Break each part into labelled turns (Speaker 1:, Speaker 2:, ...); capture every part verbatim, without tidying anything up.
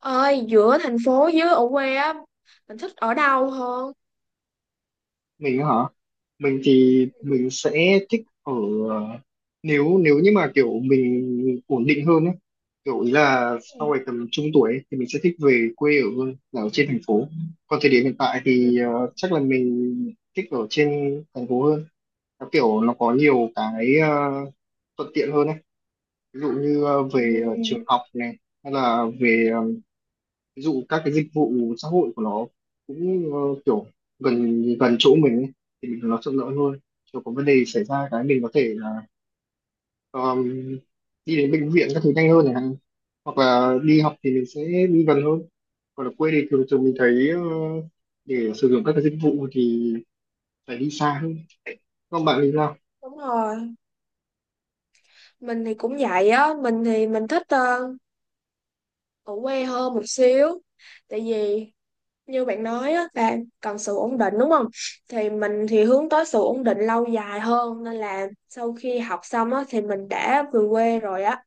Speaker 1: Ơi, giữa thành phố với ở quê á, mình thích ở đâu hơn?
Speaker 2: Mình hả? Mình thì mình sẽ thích ở nếu nếu như mà kiểu mình ổn định hơn ấy, kiểu ý là
Speaker 1: Ừ.
Speaker 2: sau này tầm trung tuổi ấy, thì mình sẽ thích về quê ở hơn là ở trên thành phố. Còn thời điểm hiện tại
Speaker 1: Ừ.
Speaker 2: thì ờ, chắc là mình thích ở trên thành phố hơn. Nó kiểu nó có nhiều cái ờ, thuận tiện hơn ấy. Ví dụ như ờ, về ờ, trường
Speaker 1: Ừ.
Speaker 2: học này, hay là về ờ, ví dụ các cái dịch vụ xã hội của nó cũng ờ, kiểu gần gần chỗ mình ấy, thì mình nó thuận lợi hơn. Kiểu có vấn đề xảy ra cái mình có thể là um, đi đến bệnh viện các thứ nhanh hơn này, hoặc là đi học thì mình sẽ đi gần hơn. Còn ở quê thì thường thường mình thấy ờ, để sử dụng các cái dịch vụ thì phải đi xa hơn. Còn bạn thì sao?
Speaker 1: Đúng rồi, mình thì cũng vậy á, mình thì mình thích ờ, ở quê hơn một xíu. Tại vì như bạn nói á, là cần sự ổn định, đúng không? Thì mình thì hướng tới sự ổn định lâu dài hơn, nên là sau khi học xong á thì mình đã về quê rồi á,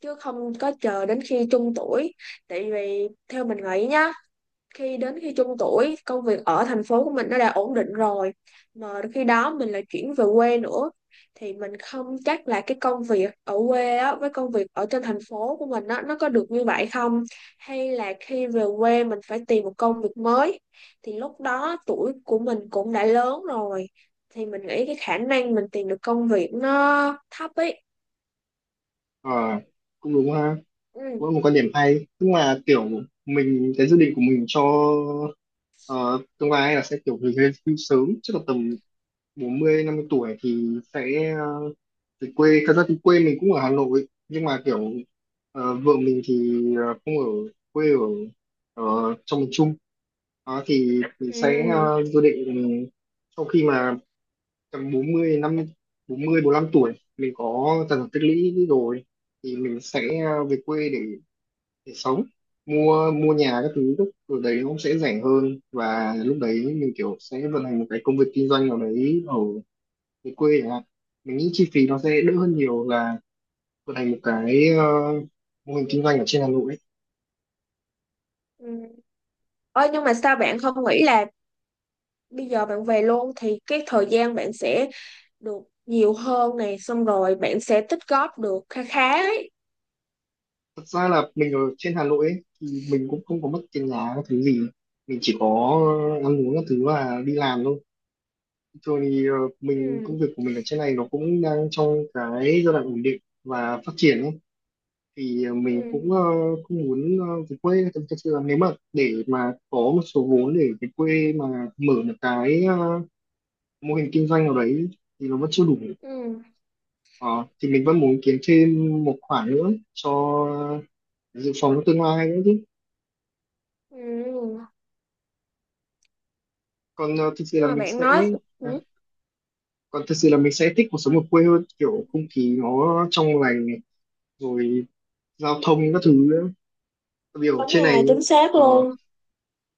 Speaker 1: chứ không có chờ đến khi trung tuổi. Tại vì theo mình nghĩ nhá, khi đến khi trung tuổi, công việc ở thành phố của mình nó đã ổn định rồi, mà khi đó mình lại chuyển về quê nữa, thì mình không chắc là cái công việc ở quê á, với công việc ở trên thành phố của mình á, nó có được như vậy không, hay là khi về quê mình phải tìm một công việc mới, thì lúc đó tuổi của mình cũng đã lớn rồi, thì mình nghĩ cái khả năng mình tìm được công việc nó thấp ấy.
Speaker 2: Ờ, Cũng đúng ha, cũng
Speaker 1: Ừ.
Speaker 2: là một quan điểm hay, nhưng mà kiểu mình cái dự định của mình cho ờ, tương lai là sẽ kiểu về hưu sớm, chắc là tầm bốn mươi năm mươi tuổi thì sẽ ờ, về quê. Thật ra thì quê mình cũng ở Hà Nội, nhưng mà kiểu ờ, vợ mình thì ờ, không ở, quê ở ờ, trong miền Trung. Đó thì mình sẽ
Speaker 1: Ừ.
Speaker 2: ờ, dự định, ừ, sau khi mà tầm bốn mươi năm, bốn mươi bốn, 45 tuổi mình có tài sản tích lũy rồi, thì mình sẽ ờ, về quê để để sống, mua mua nhà các thứ, lúc ở đấy nó cũng sẽ rẻ hơn, và lúc đấy mình kiểu sẽ vận hành một cái công việc kinh doanh nào đấy ở cái quê chẳng hạn. Mình nghĩ chi phí nó sẽ đỡ hơn nhiều là vận hành một cái ờ, mô hình kinh doanh ở trên Hà Nội ấy.
Speaker 1: Ừ. Ôi, nhưng mà sao bạn không nghĩ là bây giờ bạn về luôn thì cái thời gian bạn sẽ được nhiều hơn này, xong rồi bạn sẽ tích góp được khá khá ấy.
Speaker 2: Thật ra là mình ở trên Hà Nội ấy, thì mình cũng không có mất tiền nhà các thứ gì, mình chỉ có ăn uống các thứ và đi làm thôi. Thường thì ờ, mình
Speaker 1: Ừ,
Speaker 2: công việc của mình ở trên này nó cũng đang trong cái giai đoạn ổn định và phát triển ấy, thì ờ,
Speaker 1: ừ,
Speaker 2: mình cũng ờ, cũng muốn ờ, về quê. Thật, thật sự là nếu mà để mà có một số vốn để về quê mà mở được cái ờ, mô hình kinh doanh nào đấy thì nó vẫn chưa đủ.
Speaker 1: ừ,
Speaker 2: Ờ, thì mình vẫn muốn kiếm thêm một khoản nữa cho dự phòng cho tương lai nữa chứ.
Speaker 1: ừ.
Speaker 2: còn ờ, thực sự
Speaker 1: Nhưng
Speaker 2: là
Speaker 1: mà
Speaker 2: mình
Speaker 1: bạn
Speaker 2: sẽ
Speaker 1: nói
Speaker 2: à,
Speaker 1: ừ,
Speaker 2: Còn thực sự là mình sẽ thích cuộc sống ở quê hơn, kiểu không khí nó trong lành này, rồi giao thông các thứ nữa. Tại vì ở
Speaker 1: đúng
Speaker 2: trên
Speaker 1: rồi,
Speaker 2: này
Speaker 1: chính xác
Speaker 2: ờ,
Speaker 1: luôn.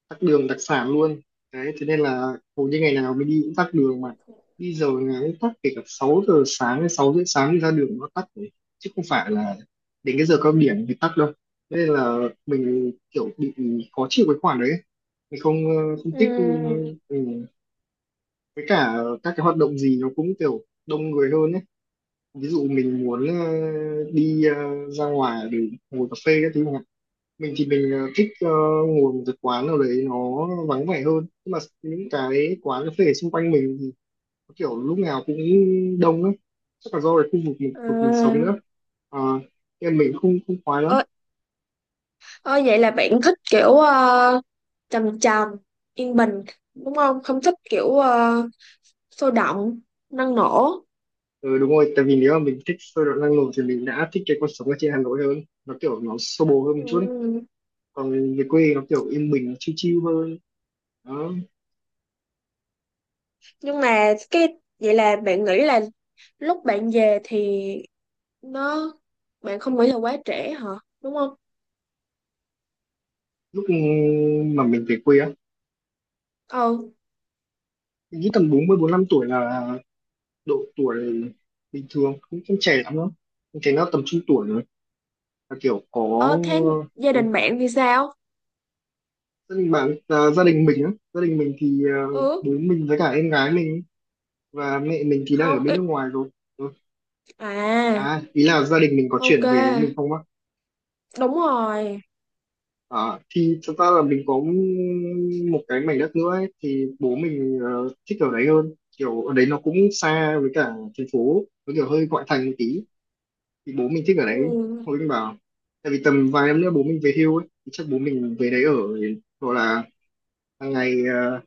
Speaker 2: tắc đường đặc sản luôn đấy. Thế nên là hầu như ngày nào mình đi cũng tắc đường, mà đi giờ ngày cũng tắc, kể cả sáu giờ sáng hay sáu rưỡi sáng đi ra đường nó tắc đấy. Chứ không phải là đến cái giờ cao điểm thì tắc đâu. Thế nên là mình kiểu bị khó chịu cái khoản đấy. Mình không ờ, không thích ừ,
Speaker 1: Ừ.
Speaker 2: ừ. Với cả các cái hoạt động gì nó cũng kiểu đông người hơn ấy. Ví dụ mình muốn ờ, đi ờ, ra ngoài để ngồi cà phê các thứ. Mình thì mình ờ, thích ờ, ngồi một cái quán nào đấy nó vắng vẻ hơn, nhưng mà những cái quán cà phê xung quanh mình thì có kiểu lúc nào cũng đông ấy. Chắc là do cái khu vực mình, vực mình sống
Speaker 1: À,
Speaker 2: nữa. Ờ, Nên mình không không khoái
Speaker 1: ơ,
Speaker 2: lắm.
Speaker 1: ơ, vậy là bạn thích kiểu ờ, trầm trầm, yên bình, đúng không? Không thích kiểu ờ, sôi động, năng nổ?
Speaker 2: Ừ, đúng rồi, tại vì nếu mà mình thích sôi động năng nổ thì mình đã thích cái cuộc sống ở trên Hà Nội hơn, nó kiểu nó xô bồ hơn một chút ấy.
Speaker 1: Ừ.
Speaker 2: Còn về quê nó kiểu yên bình, nó chill chill hơn đó.
Speaker 1: Nhưng mà cái vậy là bạn nghĩ là lúc bạn về thì nó, bạn không nghĩ là quá trễ hả, đúng không?
Speaker 2: Lúc mà mình về quê á,
Speaker 1: Ờ,
Speaker 2: mình nghĩ tầm bốn mươi bốn, 45 tuổi là độ tuổi bình thường, cũng không trẻ lắm đâu. Em thấy nó tầm trung tuổi rồi, là kiểu có.
Speaker 1: ờ, thế gia
Speaker 2: ừ,
Speaker 1: đình bạn thì sao?
Speaker 2: Gia đình bạn à? Gia đình mình á, gia đình mình thì à,
Speaker 1: Ừ,
Speaker 2: bố mình với cả em gái mình và mẹ mình thì đang ở
Speaker 1: không
Speaker 2: bên nước
Speaker 1: ít,
Speaker 2: ngoài rồi. Ừ.
Speaker 1: à,
Speaker 2: À, ý là gia đình mình có
Speaker 1: ok,
Speaker 2: chuyển về với mình không á?
Speaker 1: đúng rồi.
Speaker 2: À, thì thật ra là mình có một cái mảnh đất nữa ấy, thì bố mình ờ, thích ở đấy hơn, kiểu ở đấy nó cũng xa, với cả thành phố, nó kiểu hơi ngoại thành một tí. Thì bố mình thích ở đấy,
Speaker 1: Ừ.
Speaker 2: hồi mình bảo tại vì tầm vài năm nữa bố mình về hưu ấy, thì chắc bố mình về đấy ở, hoặc là hàng ngày ờ,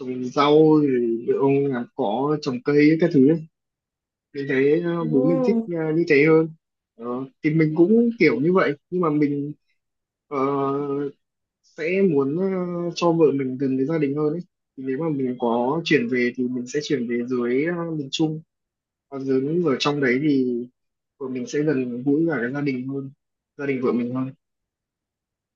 Speaker 2: trồng rau, rồi ông làm cỏ trồng cây ấy, các thứ ấy. Mình thấy ờ, bố mình thích
Speaker 1: Ừ.
Speaker 2: ờ, như thế hơn. Ờ, thì mình cũng kiểu như vậy, nhưng mà mình ờ, sẽ muốn ờ, cho vợ mình gần với gia đình hơn ấy, thì nếu mà mình có chuyển về thì mình sẽ chuyển về dưới ờ, miền Trung. Còn dưới ở trong đấy thì vợ mình sẽ gần gũi cả cái gia đình hơn, gia đình vợ mình hơn.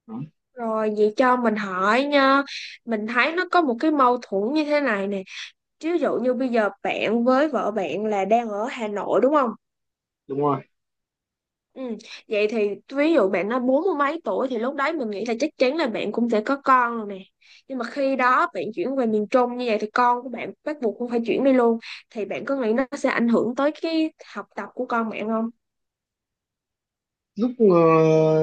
Speaker 2: Đó,
Speaker 1: Rồi vậy cho mình hỏi nha, mình thấy nó có một cái mâu thuẫn như thế này nè, ví dụ như bây giờ bạn với vợ bạn là đang ở Hà Nội, đúng không?
Speaker 2: đúng rồi.
Speaker 1: Ừ. Vậy thì ví dụ bạn nói bốn mươi mấy tuổi thì lúc đấy mình nghĩ là chắc chắn là bạn cũng sẽ có con rồi nè. Nhưng mà khi đó bạn chuyển về miền Trung như vậy thì con của bạn bắt buộc cũng phải chuyển đi luôn. Thì bạn có nghĩ nó sẽ ảnh hưởng tới cái học tập của con bạn không?
Speaker 2: Lúc ờ,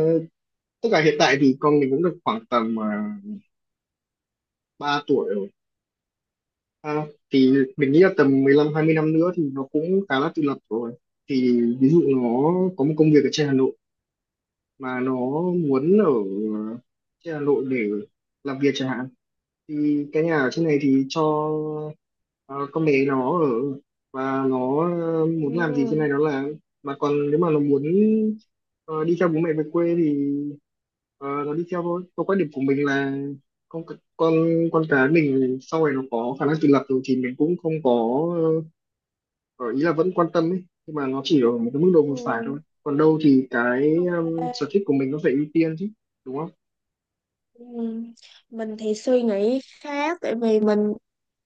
Speaker 2: Tức là hiện tại thì con mình cũng được khoảng tầm uh, ba tuổi rồi. À, thì mình nghĩ là tầm mười lăm hai mươi năm nữa thì nó cũng khá là tự lập rồi. Thì ví dụ nó có một công việc ở trên Hà Nội mà nó muốn ở ờ, trên Hà Nội để làm việc chẳng hạn, thì cái nhà ở trên này thì cho ờ, con bé nó ở, và nó ờ, muốn làm gì trên
Speaker 1: Ừ.
Speaker 2: này nó làm. Mà còn nếu mà nó muốn ờ, đi theo bố mẹ về quê thì ờ, nó đi theo thôi. Còn quan điểm của mình là con con con cái mình sau này nó có khả năng tự lập rồi thì mình cũng không có, ờ, ý là vẫn quan tâm ấy, nhưng mà nó chỉ ở một cái mức độ
Speaker 1: Ừ.
Speaker 2: vừa phải thôi, còn đâu thì cái
Speaker 1: Ok.
Speaker 2: um, sở thích của mình nó phải ưu tiên chứ, đúng không?
Speaker 1: Ừ. Mình thì suy nghĩ khác, tại vì mình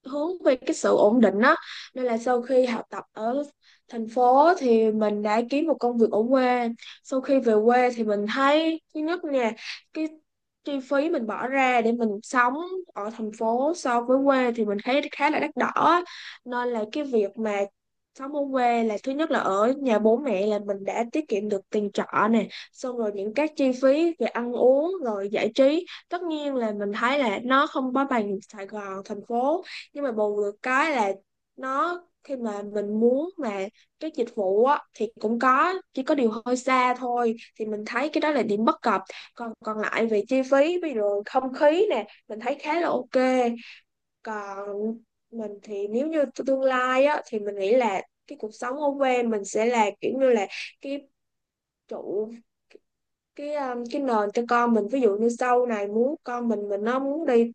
Speaker 1: hướng về cái sự ổn định đó, nên là sau khi học tập ở thành phố thì mình đã kiếm một công việc ở quê. Sau khi về quê thì mình thấy thứ nhất nè, cái chi phí mình bỏ ra để mình sống ở thành phố so với quê thì mình thấy khá là đắt đỏ, nên là cái việc mà sống ở quê là thứ nhất là ở nhà bố mẹ, là mình đã tiết kiệm được tiền trọ nè, xong rồi những các chi phí về ăn uống rồi giải trí, tất nhiên là mình thấy là nó không có bằng Sài Gòn, thành phố, nhưng mà bù được cái là nó khi mà mình muốn mà cái dịch vụ á thì cũng có, chỉ có điều hơi xa thôi, thì mình thấy cái đó là điểm bất cập. Còn còn lại về chi phí, ví dụ không khí nè, mình thấy khá là ok. Còn mình thì nếu như tương lai á thì mình nghĩ là cái cuộc sống ở quê mình sẽ là kiểu như là cái trụ, cái um, cái nền cho con mình. Ví dụ như sau này muốn con mình, mình nó muốn đi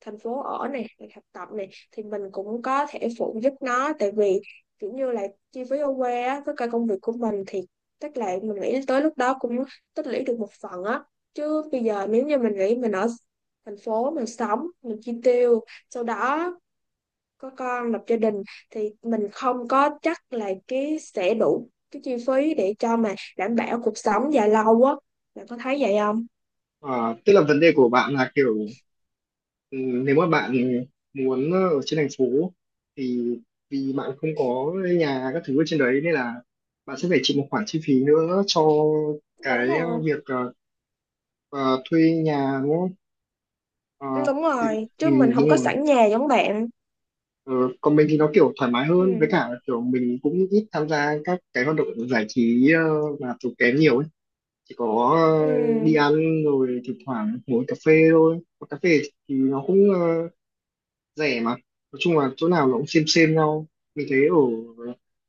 Speaker 1: thành phố ở này, hoặc học tập này, thì mình cũng có thể phụ giúp nó. Tại vì kiểu như là chi phí ở quê á, với cả công việc của mình thì tức là mình nghĩ tới lúc đó cũng tích lũy được một phần á. Chứ bây giờ nếu như mình nghĩ mình ở thành phố, mình sống, mình chi tiêu, sau đó có con, lập gia đình, thì mình không có chắc là cái sẽ đủ cái chi phí để cho mà đảm bảo cuộc sống dài lâu á. Bạn có thấy vậy không?
Speaker 2: Ờ, Tức là vấn đề của bạn là kiểu, ừ, nếu mà bạn muốn ở trên thành phố thì vì bạn không có nhà các thứ ở trên đấy nên là bạn sẽ phải chịu một khoản chi phí nữa cho
Speaker 1: Đúng
Speaker 2: cái ờ,
Speaker 1: rồi,
Speaker 2: việc ờ, ờ, thuê nhà đúng không? Ờ,
Speaker 1: đúng
Speaker 2: thì,
Speaker 1: rồi, chứ
Speaker 2: ừ,
Speaker 1: mình không
Speaker 2: Đúng
Speaker 1: có
Speaker 2: rồi.
Speaker 1: sẵn nhà giống bạn.
Speaker 2: Ờ, Còn mình thì nó kiểu thoải mái hơn, với
Speaker 1: Ừ.
Speaker 2: cả kiểu mình cũng ít tham gia các cái hoạt động giải trí ờ, mà tốn kém nhiều ấy, chỉ có
Speaker 1: Ừ,
Speaker 2: ờ, đi ăn rồi thỉnh thoảng ngồi cà phê thôi. Mà cà phê thì nó cũng ờ, rẻ mà, nói chung là chỗ nào nó cũng xem xem nhau. Mình thấy ở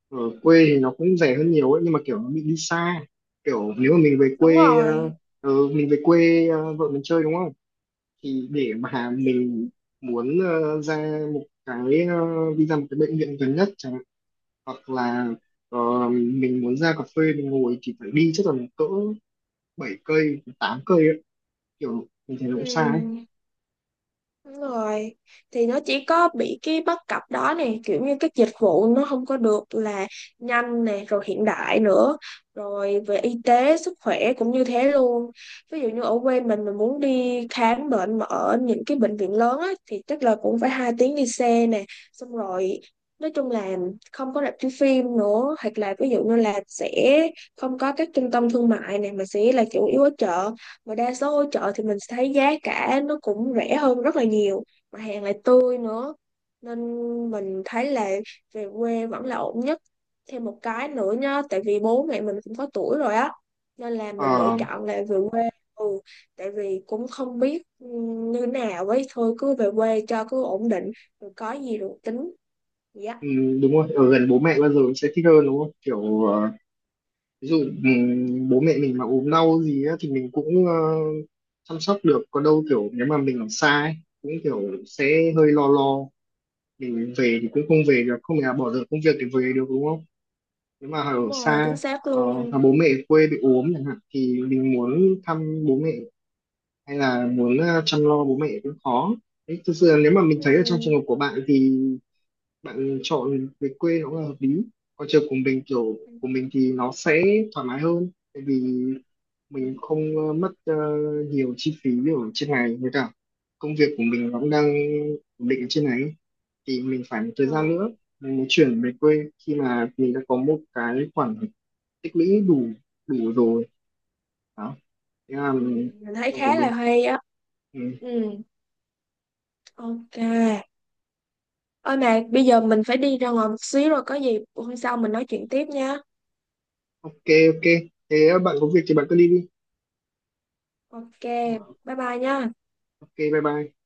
Speaker 2: ở quê thì nó cũng rẻ hơn nhiều ấy, nhưng mà kiểu nó bị đi xa. Kiểu nếu mà mình về
Speaker 1: đúng
Speaker 2: quê ờ,
Speaker 1: rồi.
Speaker 2: ờ, mình về quê ờ, vợ mình chơi đúng không, thì để mà mình muốn ờ, ra một cái ờ, đi ra một cái bệnh viện gần nhất chẳng hạn, hoặc là ờ, mình muốn ra cà phê mình ngồi thì phải đi chắc là cỡ bảy cây tám cây ấy. Kiểu mình thấy nó cũng xa ấy.
Speaker 1: Ừ, đúng rồi. Thì nó chỉ có bị cái bất cập đó nè, kiểu như các dịch vụ nó không có được là nhanh nè, rồi hiện đại nữa, rồi về y tế, sức khỏe cũng như thế luôn. Ví dụ như ở quê mình mình muốn đi khám bệnh mà ở những cái bệnh viện lớn á, thì chắc là cũng phải hai tiếng đi xe nè, xong rồi nói chung là không có rạp chiếu phim nữa, hoặc là ví dụ như là sẽ không có các trung tâm thương mại này, mà sẽ là chủ yếu ở chợ. Mà đa số ở chợ thì mình sẽ thấy giá cả nó cũng rẻ hơn rất là nhiều, mà hàng lại tươi nữa, nên mình thấy là về quê vẫn là ổn nhất. Thêm một cái nữa nhá, tại vì bố mẹ mình cũng có tuổi rồi á, nên là mình lựa
Speaker 2: Ờ,
Speaker 1: chọn là về quê. Ừ. Tại vì cũng không biết ừ, như nào ấy, thôi cứ về quê cho cứ ổn định, rồi có gì rồi tính. Dạ,
Speaker 2: ừ, Đúng rồi, ở gần bố mẹ bao giờ cũng sẽ thích hơn đúng không, kiểu ờ, ví dụ ừ, bố mẹ mình mà ốm đau gì á, thì mình cũng ờ, chăm sóc được, còn đâu kiểu nếu mà mình ở xa ấy, cũng kiểu sẽ hơi lo lo. Thì về thì cũng không về được, không nhà bỏ dở công việc thì về được đúng không. Nếu mà ở
Speaker 1: đúng rồi, chính
Speaker 2: xa
Speaker 1: xác
Speaker 2: ờ,
Speaker 1: luôn.
Speaker 2: mà bố mẹ ở quê bị ốm chẳng hạn thì mình muốn thăm bố mẹ hay là muốn ờ, chăm lo bố mẹ cũng khó. Đấy, thực sự là nếu mà mình thấy ở trong
Speaker 1: Ừ.
Speaker 2: trường hợp của bạn thì bạn chọn về quê nó là hợp lý. Còn trường của mình, kiểu
Speaker 1: Ừ.
Speaker 2: của mình thì nó sẽ thoải mái hơn, tại vì mình không ờ, mất ờ, nhiều chi phí ở trên này, với cả công việc của mình nó cũng đang ổn định ở trên này, thì mình phải một thời gian
Speaker 1: Ừ.
Speaker 2: nữa mình mới chuyển về quê, khi mà mình đã có một cái khoản tích lũy đủ đủ rồi. Đó, thế là
Speaker 1: Ừ.
Speaker 2: mình-
Speaker 1: Mình thấy
Speaker 2: trường của
Speaker 1: khá là
Speaker 2: mình.
Speaker 1: hay á.
Speaker 2: Ừ.
Speaker 1: Ừ, ok. Ôi, mà bây giờ mình phải đi ra ngoài một xíu rồi, có gì hôm sau mình nói chuyện tiếp nha.
Speaker 2: Ok, ok, thế bạn có việc thì bạn cứ đi đi.
Speaker 1: Ok,
Speaker 2: Dạ,
Speaker 1: bye bye nha.
Speaker 2: ok, bye bye.